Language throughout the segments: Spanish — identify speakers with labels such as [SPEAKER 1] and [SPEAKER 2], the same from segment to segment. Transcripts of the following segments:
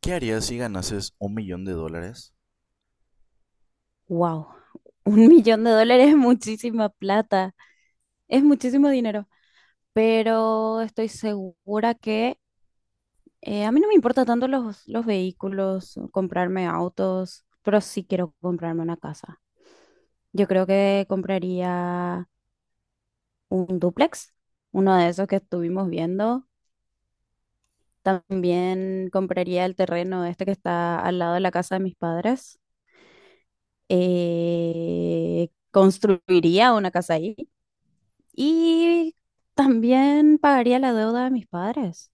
[SPEAKER 1] ¿Qué harías si ganases $1,000,000?
[SPEAKER 2] Wow, un millón de dólares es muchísima plata, es muchísimo dinero, pero estoy segura que a mí no me importa tanto los vehículos, comprarme autos, pero sí quiero comprarme una casa. Yo creo que compraría un dúplex, uno de esos que estuvimos viendo. También compraría el terreno este que está al lado de la casa de mis padres. Construiría una casa ahí. Y también pagaría la deuda de mis padres,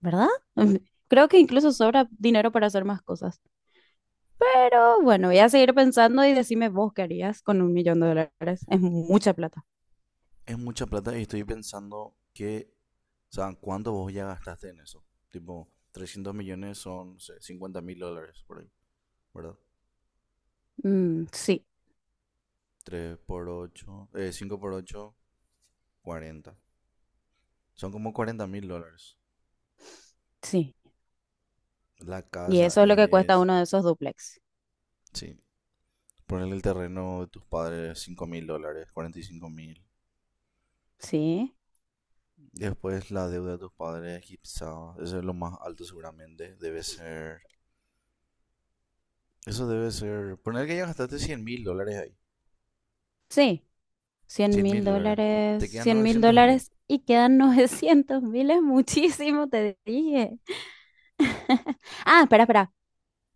[SPEAKER 2] ¿verdad? Creo que incluso sobra dinero para hacer más cosas. Pero bueno, voy a seguir pensando y decime vos qué harías con un millón de dólares. Es mucha plata.
[SPEAKER 1] Es mucha plata y estoy pensando que, o sea, ¿cuánto vos ya gastaste en eso? Tipo, 300 millones son, no sé, 50 mil dólares por ahí, ¿verdad?
[SPEAKER 2] Mm, sí,
[SPEAKER 1] 3 por 8, 5 por 8, 40. Son como 40 mil dólares.
[SPEAKER 2] sí.
[SPEAKER 1] La
[SPEAKER 2] Y
[SPEAKER 1] casa
[SPEAKER 2] eso es lo que cuesta
[SPEAKER 1] es,
[SPEAKER 2] uno de esos duplex.
[SPEAKER 1] sí, ponerle el terreno de tus padres, 5 mil dólares, 45 mil.
[SPEAKER 2] Sí,
[SPEAKER 1] Después la deuda de tus padres, quizá, eso es lo más alto seguramente, debe ser Eso debe ser. Poner que ya gastaste 100 mil dólares ahí.
[SPEAKER 2] sí. Cien
[SPEAKER 1] Cien
[SPEAKER 2] mil
[SPEAKER 1] mil dólares.
[SPEAKER 2] dólares,
[SPEAKER 1] Te quedan
[SPEAKER 2] cien mil
[SPEAKER 1] novecientos mil.
[SPEAKER 2] dólares y quedan 900.000. Es muchísimo, te dije. Ah, espera, espera.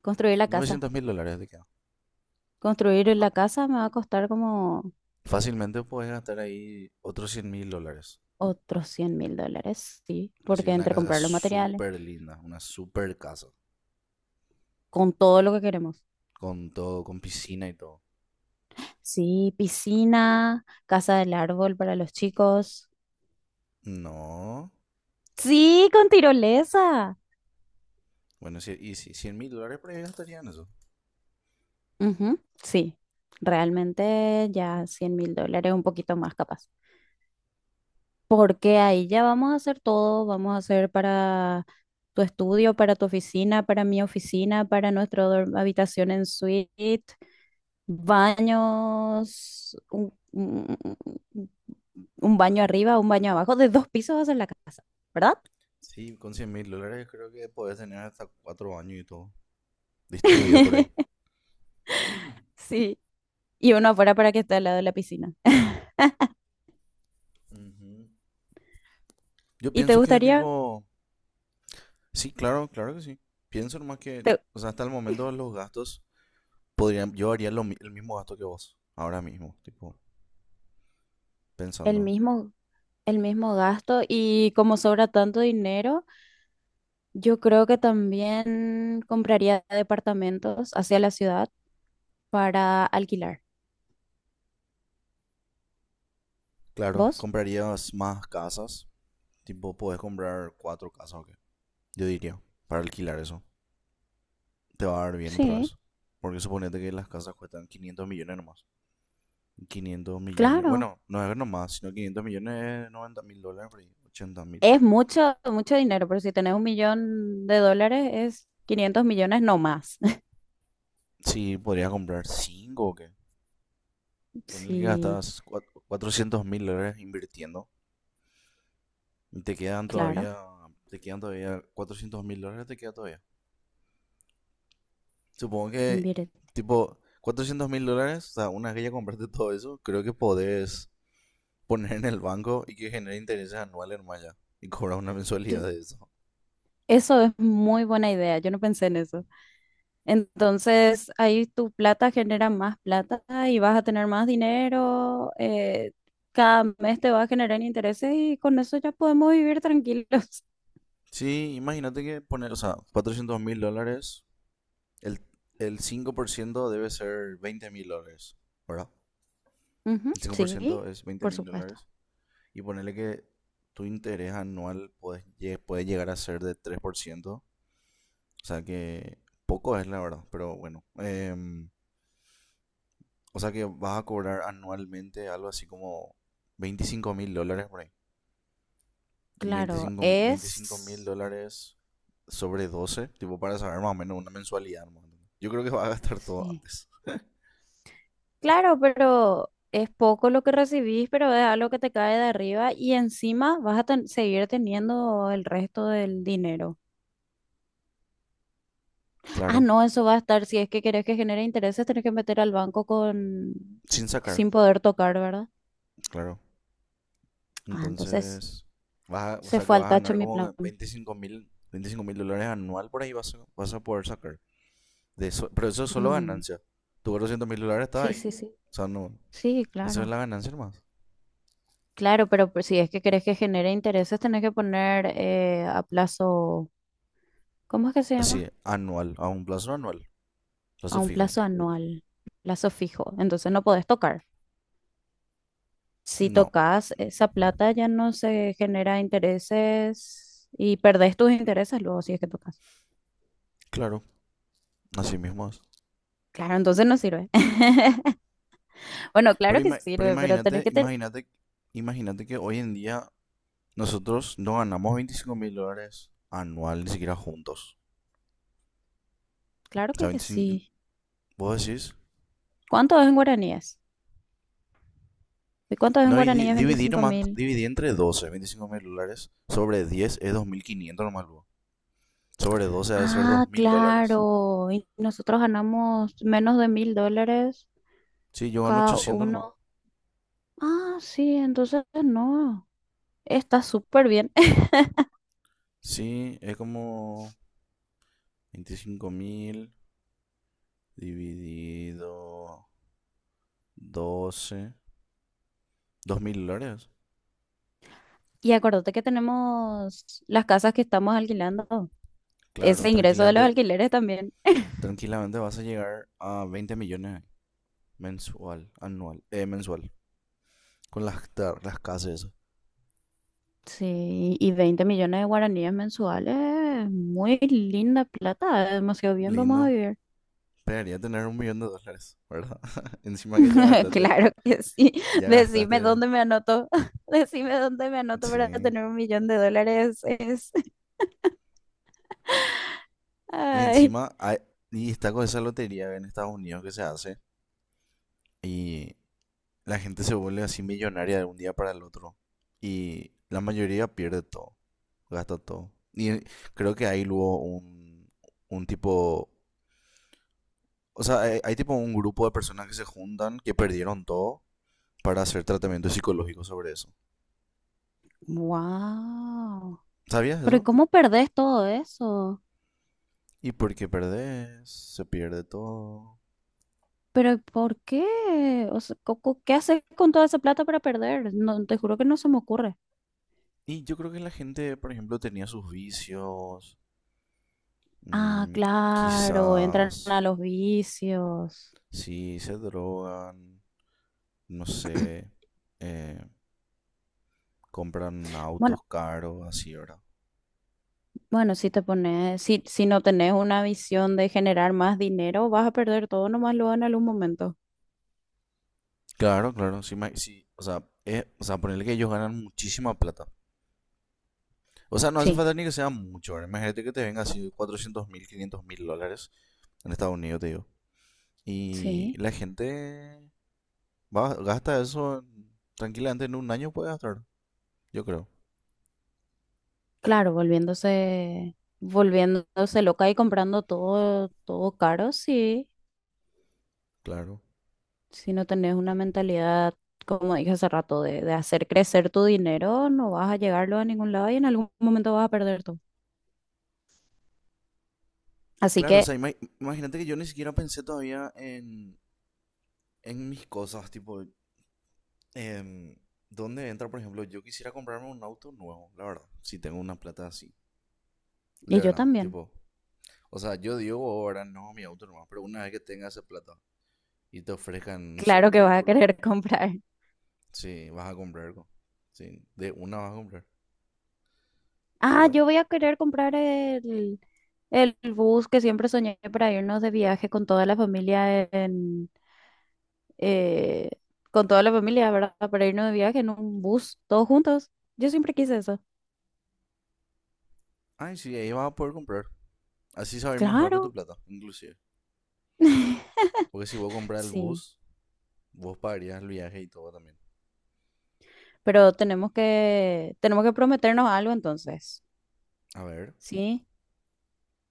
[SPEAKER 2] Construir la casa.
[SPEAKER 1] Novecientos mil dólares te quedan.
[SPEAKER 2] Construir
[SPEAKER 1] Ah,
[SPEAKER 2] la casa me va a costar como...
[SPEAKER 1] fácilmente puedes gastar ahí otros 100 mil dólares.
[SPEAKER 2] Otros $100.000, sí,
[SPEAKER 1] Así,
[SPEAKER 2] porque
[SPEAKER 1] una
[SPEAKER 2] entre
[SPEAKER 1] casa
[SPEAKER 2] comprar los materiales,
[SPEAKER 1] súper linda. Una súper casa.
[SPEAKER 2] con todo lo que queremos.
[SPEAKER 1] Con todo, con piscina y todo.
[SPEAKER 2] Sí, piscina, casa del árbol para los chicos.
[SPEAKER 1] No.
[SPEAKER 2] Sí, con tirolesa.
[SPEAKER 1] Bueno, sí, y sí, 100 mil dólares por ahí gastarían eso.
[SPEAKER 2] Ujú, sí, realmente ya $100.000, un poquito más capaz. Porque ahí ya vamos a hacer todo, vamos a hacer para tu estudio, para tu oficina, para mi oficina, para nuestra habitación en suite. Baños, un baño arriba, un baño abajo, de dos pisos hacer la casa, ¿verdad?
[SPEAKER 1] Sí, con 100 mil dólares creo que podés tener hasta cuatro años y todo. Distribuido por ahí.
[SPEAKER 2] Sí. Y uno afuera para que esté al lado de la piscina.
[SPEAKER 1] Ujú. Yo
[SPEAKER 2] ¿Y te
[SPEAKER 1] pienso que,
[SPEAKER 2] gustaría
[SPEAKER 1] tipo, sí, claro, claro que sí. Pienso nomás que,
[SPEAKER 2] te-
[SPEAKER 1] o sea, hasta el momento los gastos podrían, yo haría el mismo gasto que vos, ahora mismo, tipo,
[SPEAKER 2] el
[SPEAKER 1] pensando.
[SPEAKER 2] mismo, el mismo gasto? Y como sobra tanto dinero, yo creo que también compraría departamentos hacia la ciudad para alquilar.
[SPEAKER 1] Claro,
[SPEAKER 2] ¿Vos?
[SPEAKER 1] comprarías más casas, tipo, podés comprar cuatro casas o qué. Yo diría, para alquilar eso, te va a dar bien otra
[SPEAKER 2] Sí,
[SPEAKER 1] vez. Porque suponete que las casas cuestan 500 millones nomás. 500 millones,
[SPEAKER 2] claro.
[SPEAKER 1] bueno, no es nomás, sino 500 millones 90 mil dólares, por ahí, 80 mil.
[SPEAKER 2] Es mucho, mucho dinero, pero si tenés un millón de dólares es 500 millones no más.
[SPEAKER 1] Sí, podrías comprar cinco o qué. Ponle que
[SPEAKER 2] Sí,
[SPEAKER 1] gastas 400 mil dólares invirtiendo. Te quedan
[SPEAKER 2] claro,
[SPEAKER 1] todavía, 400 mil dólares, te queda todavía. Supongo que,
[SPEAKER 2] invierte.
[SPEAKER 1] tipo, 400 mil dólares, o sea, una vez que ya compraste todo eso, creo que podés poner en el banco y que genere intereses anuales nomás ya. Y cobrar una mensualidad de eso.
[SPEAKER 2] Eso es muy buena idea, yo no pensé en eso. Entonces, ahí tu plata genera más plata y vas a tener más dinero, cada mes te va a generar intereses y con eso ya podemos vivir tranquilos.
[SPEAKER 1] Sí, imagínate que poner, o sea, 400 mil dólares, el, el 5% debe ser 20 mil dólares, ¿verdad?
[SPEAKER 2] Ujú,
[SPEAKER 1] El 5%
[SPEAKER 2] sí,
[SPEAKER 1] es veinte
[SPEAKER 2] por
[SPEAKER 1] mil
[SPEAKER 2] supuesto.
[SPEAKER 1] dólares. Y ponerle que tu interés anual puede llegar a ser de 3%. O sea que poco es la verdad, pero bueno. O sea que vas a cobrar anualmente algo así como 25 mil dólares por ahí.
[SPEAKER 2] Claro,
[SPEAKER 1] Veinticinco mil
[SPEAKER 2] es...
[SPEAKER 1] dólares sobre 12 tipo para saber más o menos una mensualidad. ¿No? Yo creo que vas a gastar todo
[SPEAKER 2] Sí.
[SPEAKER 1] antes.
[SPEAKER 2] Claro, pero es poco lo que recibís, pero es algo que te cae de arriba y encima vas a seguir teniendo el resto del dinero. Ah,
[SPEAKER 1] Claro.
[SPEAKER 2] no, eso va a estar, si es que querés que genere intereses, tenés que meter al banco con
[SPEAKER 1] Sin sacar,
[SPEAKER 2] sin poder tocar, ¿verdad?
[SPEAKER 1] claro.
[SPEAKER 2] Ah, entonces
[SPEAKER 1] Entonces, o
[SPEAKER 2] se
[SPEAKER 1] sea que
[SPEAKER 2] fue al
[SPEAKER 1] vas a
[SPEAKER 2] tacho
[SPEAKER 1] ganar
[SPEAKER 2] mi plan.
[SPEAKER 1] como 25 mil dólares anual por ahí vas a, poder sacar. De eso, pero eso es solo
[SPEAKER 2] Mm,
[SPEAKER 1] ganancia. Tu 200 mil dólares está
[SPEAKER 2] sí,
[SPEAKER 1] ahí.
[SPEAKER 2] sí, sí.
[SPEAKER 1] O sea, no.
[SPEAKER 2] Sí,
[SPEAKER 1] Eso es
[SPEAKER 2] claro.
[SPEAKER 1] la ganancia más.
[SPEAKER 2] Claro, pero pues si es que querés que genere intereses, tenés que poner a plazo, ¿cómo es que se
[SPEAKER 1] Así,
[SPEAKER 2] llama?
[SPEAKER 1] anual, a un plazo anual.
[SPEAKER 2] A
[SPEAKER 1] Plazo
[SPEAKER 2] un
[SPEAKER 1] fijo.
[SPEAKER 2] plazo anual, plazo fijo. Entonces no podés tocar. Si
[SPEAKER 1] No,
[SPEAKER 2] tocas esa plata ya no se genera intereses y perdés tus intereses luego si es que tocas.
[SPEAKER 1] claro, así mismo es.
[SPEAKER 2] Claro, entonces no sirve. Bueno,
[SPEAKER 1] Pero,
[SPEAKER 2] claro que
[SPEAKER 1] ima- pero
[SPEAKER 2] sirve, pero
[SPEAKER 1] imagínate,
[SPEAKER 2] tenés que tener...
[SPEAKER 1] imagínate, imagínate que hoy en día nosotros no ganamos 25 mil dólares anual, ni siquiera juntos.
[SPEAKER 2] Claro
[SPEAKER 1] O sea,
[SPEAKER 2] que
[SPEAKER 1] 25
[SPEAKER 2] sí.
[SPEAKER 1] vos decís,
[SPEAKER 2] ¿Cuánto es en guaraníes? ¿Y cuánto es en
[SPEAKER 1] no, y di-
[SPEAKER 2] guaraníes?
[SPEAKER 1] dividí
[SPEAKER 2] veinticinco
[SPEAKER 1] nomás,
[SPEAKER 2] mil.
[SPEAKER 1] dividí entre 12 25 mil dólares, sobre 10 es 2.500 nomás luego. Sobre 12 debe ser dos
[SPEAKER 2] Ah,
[SPEAKER 1] mil dólares.
[SPEAKER 2] claro. Y nosotros ganamos menos de 1.000 dólares
[SPEAKER 1] Sí, yo gano
[SPEAKER 2] cada
[SPEAKER 1] 800 nomás.
[SPEAKER 2] uno. Ah, sí, entonces no. Está súper bien.
[SPEAKER 1] Sí, es como 25.000 dividido doce, dos mil dólares.
[SPEAKER 2] Y acuérdate que tenemos las casas que estamos alquilando. Ese
[SPEAKER 1] Claro,
[SPEAKER 2] ingreso de los
[SPEAKER 1] tranquilamente,
[SPEAKER 2] alquileres también.
[SPEAKER 1] tranquilamente vas a llegar a veinte millones mensual, anual, mensual. Con las casas, y eso.
[SPEAKER 2] Sí, y 20 millones de guaraníes mensuales, muy linda plata, demasiado bien vamos a
[SPEAKER 1] Lindo.
[SPEAKER 2] vivir.
[SPEAKER 1] Esperaría tener un millón de dólares, ¿verdad? Encima que ya gastaste,
[SPEAKER 2] Claro que sí.
[SPEAKER 1] ya
[SPEAKER 2] Decime
[SPEAKER 1] gastaste,
[SPEAKER 2] dónde me anoto. Decime dónde me anoto para
[SPEAKER 1] sí.
[SPEAKER 2] tener un millón de dólares. Es...
[SPEAKER 1] Y
[SPEAKER 2] Ay.
[SPEAKER 1] encima, y está con esa lotería en Estados Unidos que se hace. Y la gente se vuelve así millonaria de un día para el otro. Y la mayoría pierde todo, gasta todo. Y creo que hay luego un tipo, o sea, hay tipo un grupo de personas que se juntan, que perdieron todo, para hacer tratamiento psicológico sobre eso.
[SPEAKER 2] Wow.
[SPEAKER 1] ¿Sabías
[SPEAKER 2] Pero
[SPEAKER 1] eso?
[SPEAKER 2] ¿cómo perdés todo eso?
[SPEAKER 1] Y porque perdés, se pierde todo.
[SPEAKER 2] ¿Pero por qué? O sea, ¿qué haces con toda esa plata para perder? No, te juro que no se me ocurre.
[SPEAKER 1] Y yo creo que la gente, por ejemplo, tenía sus vicios,
[SPEAKER 2] Ah,
[SPEAKER 1] mm,
[SPEAKER 2] claro, entran
[SPEAKER 1] quizás,
[SPEAKER 2] a los vicios.
[SPEAKER 1] sí, se drogan, no sé, eh, compran
[SPEAKER 2] Bueno,
[SPEAKER 1] autos caros, así, ¿verdad?
[SPEAKER 2] bueno, si te pones, si no tenés una visión de generar más dinero, vas a perder todo nomás luego en algún momento.
[SPEAKER 1] Claro, claro, sí, o sea, es, o sea, ponerle que ellos ganan muchísima plata. O sea, no hace
[SPEAKER 2] Sí,
[SPEAKER 1] falta ni que sea mucho, ¿verdad? Imagínate que te venga así 400 mil, 500 mil dólares en Estados Unidos, te digo. Y
[SPEAKER 2] sí.
[SPEAKER 1] la gente va, gasta eso tranquilamente en un año, puede gastar, yo creo.
[SPEAKER 2] Claro, volviéndose, volviéndose loca y comprando todo, todo caro, sí.
[SPEAKER 1] Claro.
[SPEAKER 2] Si no tenés una mentalidad, como dije hace rato, de hacer crecer tu dinero, no vas a llegarlo a ningún lado y en algún momento vas a perder todo. Así
[SPEAKER 1] Claro, o
[SPEAKER 2] que,
[SPEAKER 1] sea, imagínate que yo ni siquiera pensé todavía en, mis cosas, tipo, em, ¿dónde entra, por ejemplo? Yo quisiera comprarme un auto nuevo, la verdad, si tengo una plata así. De
[SPEAKER 2] y yo
[SPEAKER 1] verdad,
[SPEAKER 2] también.
[SPEAKER 1] tipo, o sea, yo digo ahora no mi auto nomás, pero una vez que tengas esa plata y te ofrezcan, no sé,
[SPEAKER 2] Claro
[SPEAKER 1] un
[SPEAKER 2] que vas a
[SPEAKER 1] vehículo,
[SPEAKER 2] querer comprar.
[SPEAKER 1] sí, vas a comprar, sí, de una vas a comprar,
[SPEAKER 2] Ah,
[SPEAKER 1] ¿verdad?
[SPEAKER 2] yo voy a querer comprar el bus que siempre soñé para irnos de viaje con toda la familia eh, con toda la familia, ¿verdad? Para irnos de viaje en un bus, todos juntos. Yo siempre quise eso.
[SPEAKER 1] Ay, sí, ahí vas a poder comprar. Así saber más
[SPEAKER 2] Claro.
[SPEAKER 1] rápido tu plata, inclusive. Porque si vos compras el
[SPEAKER 2] Sí,
[SPEAKER 1] bus, vos pagarías el viaje y todo también.
[SPEAKER 2] pero tenemos que prometernos algo entonces,
[SPEAKER 1] A ver,
[SPEAKER 2] ¿sí?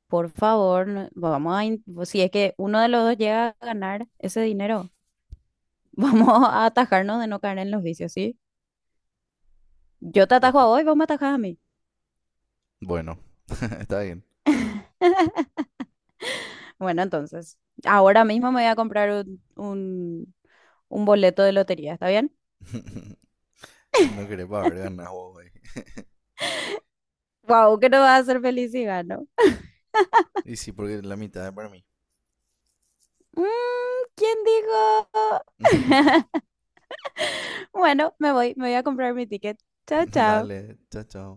[SPEAKER 2] Por favor, si es que uno de los dos llega a ganar ese dinero, vamos a atajarnos de no caer en los vicios, ¿sí? Yo te
[SPEAKER 1] ya
[SPEAKER 2] atajo a
[SPEAKER 1] está.
[SPEAKER 2] vos y vos me atajás a mí.
[SPEAKER 1] Bueno, está bien.
[SPEAKER 2] Bueno, entonces, ahora mismo me voy a comprar un boleto de lotería, ¿está bien?
[SPEAKER 1] No querés pagar ganas vos, güey.
[SPEAKER 2] Wow, que no va a ser feliz si gano.
[SPEAKER 1] Y sí, porque la mitad es para mí.
[SPEAKER 2] Mm, ¿quién dijo? Bueno, me voy a comprar mi ticket. Chao, chao.
[SPEAKER 1] Dale, chao, chao.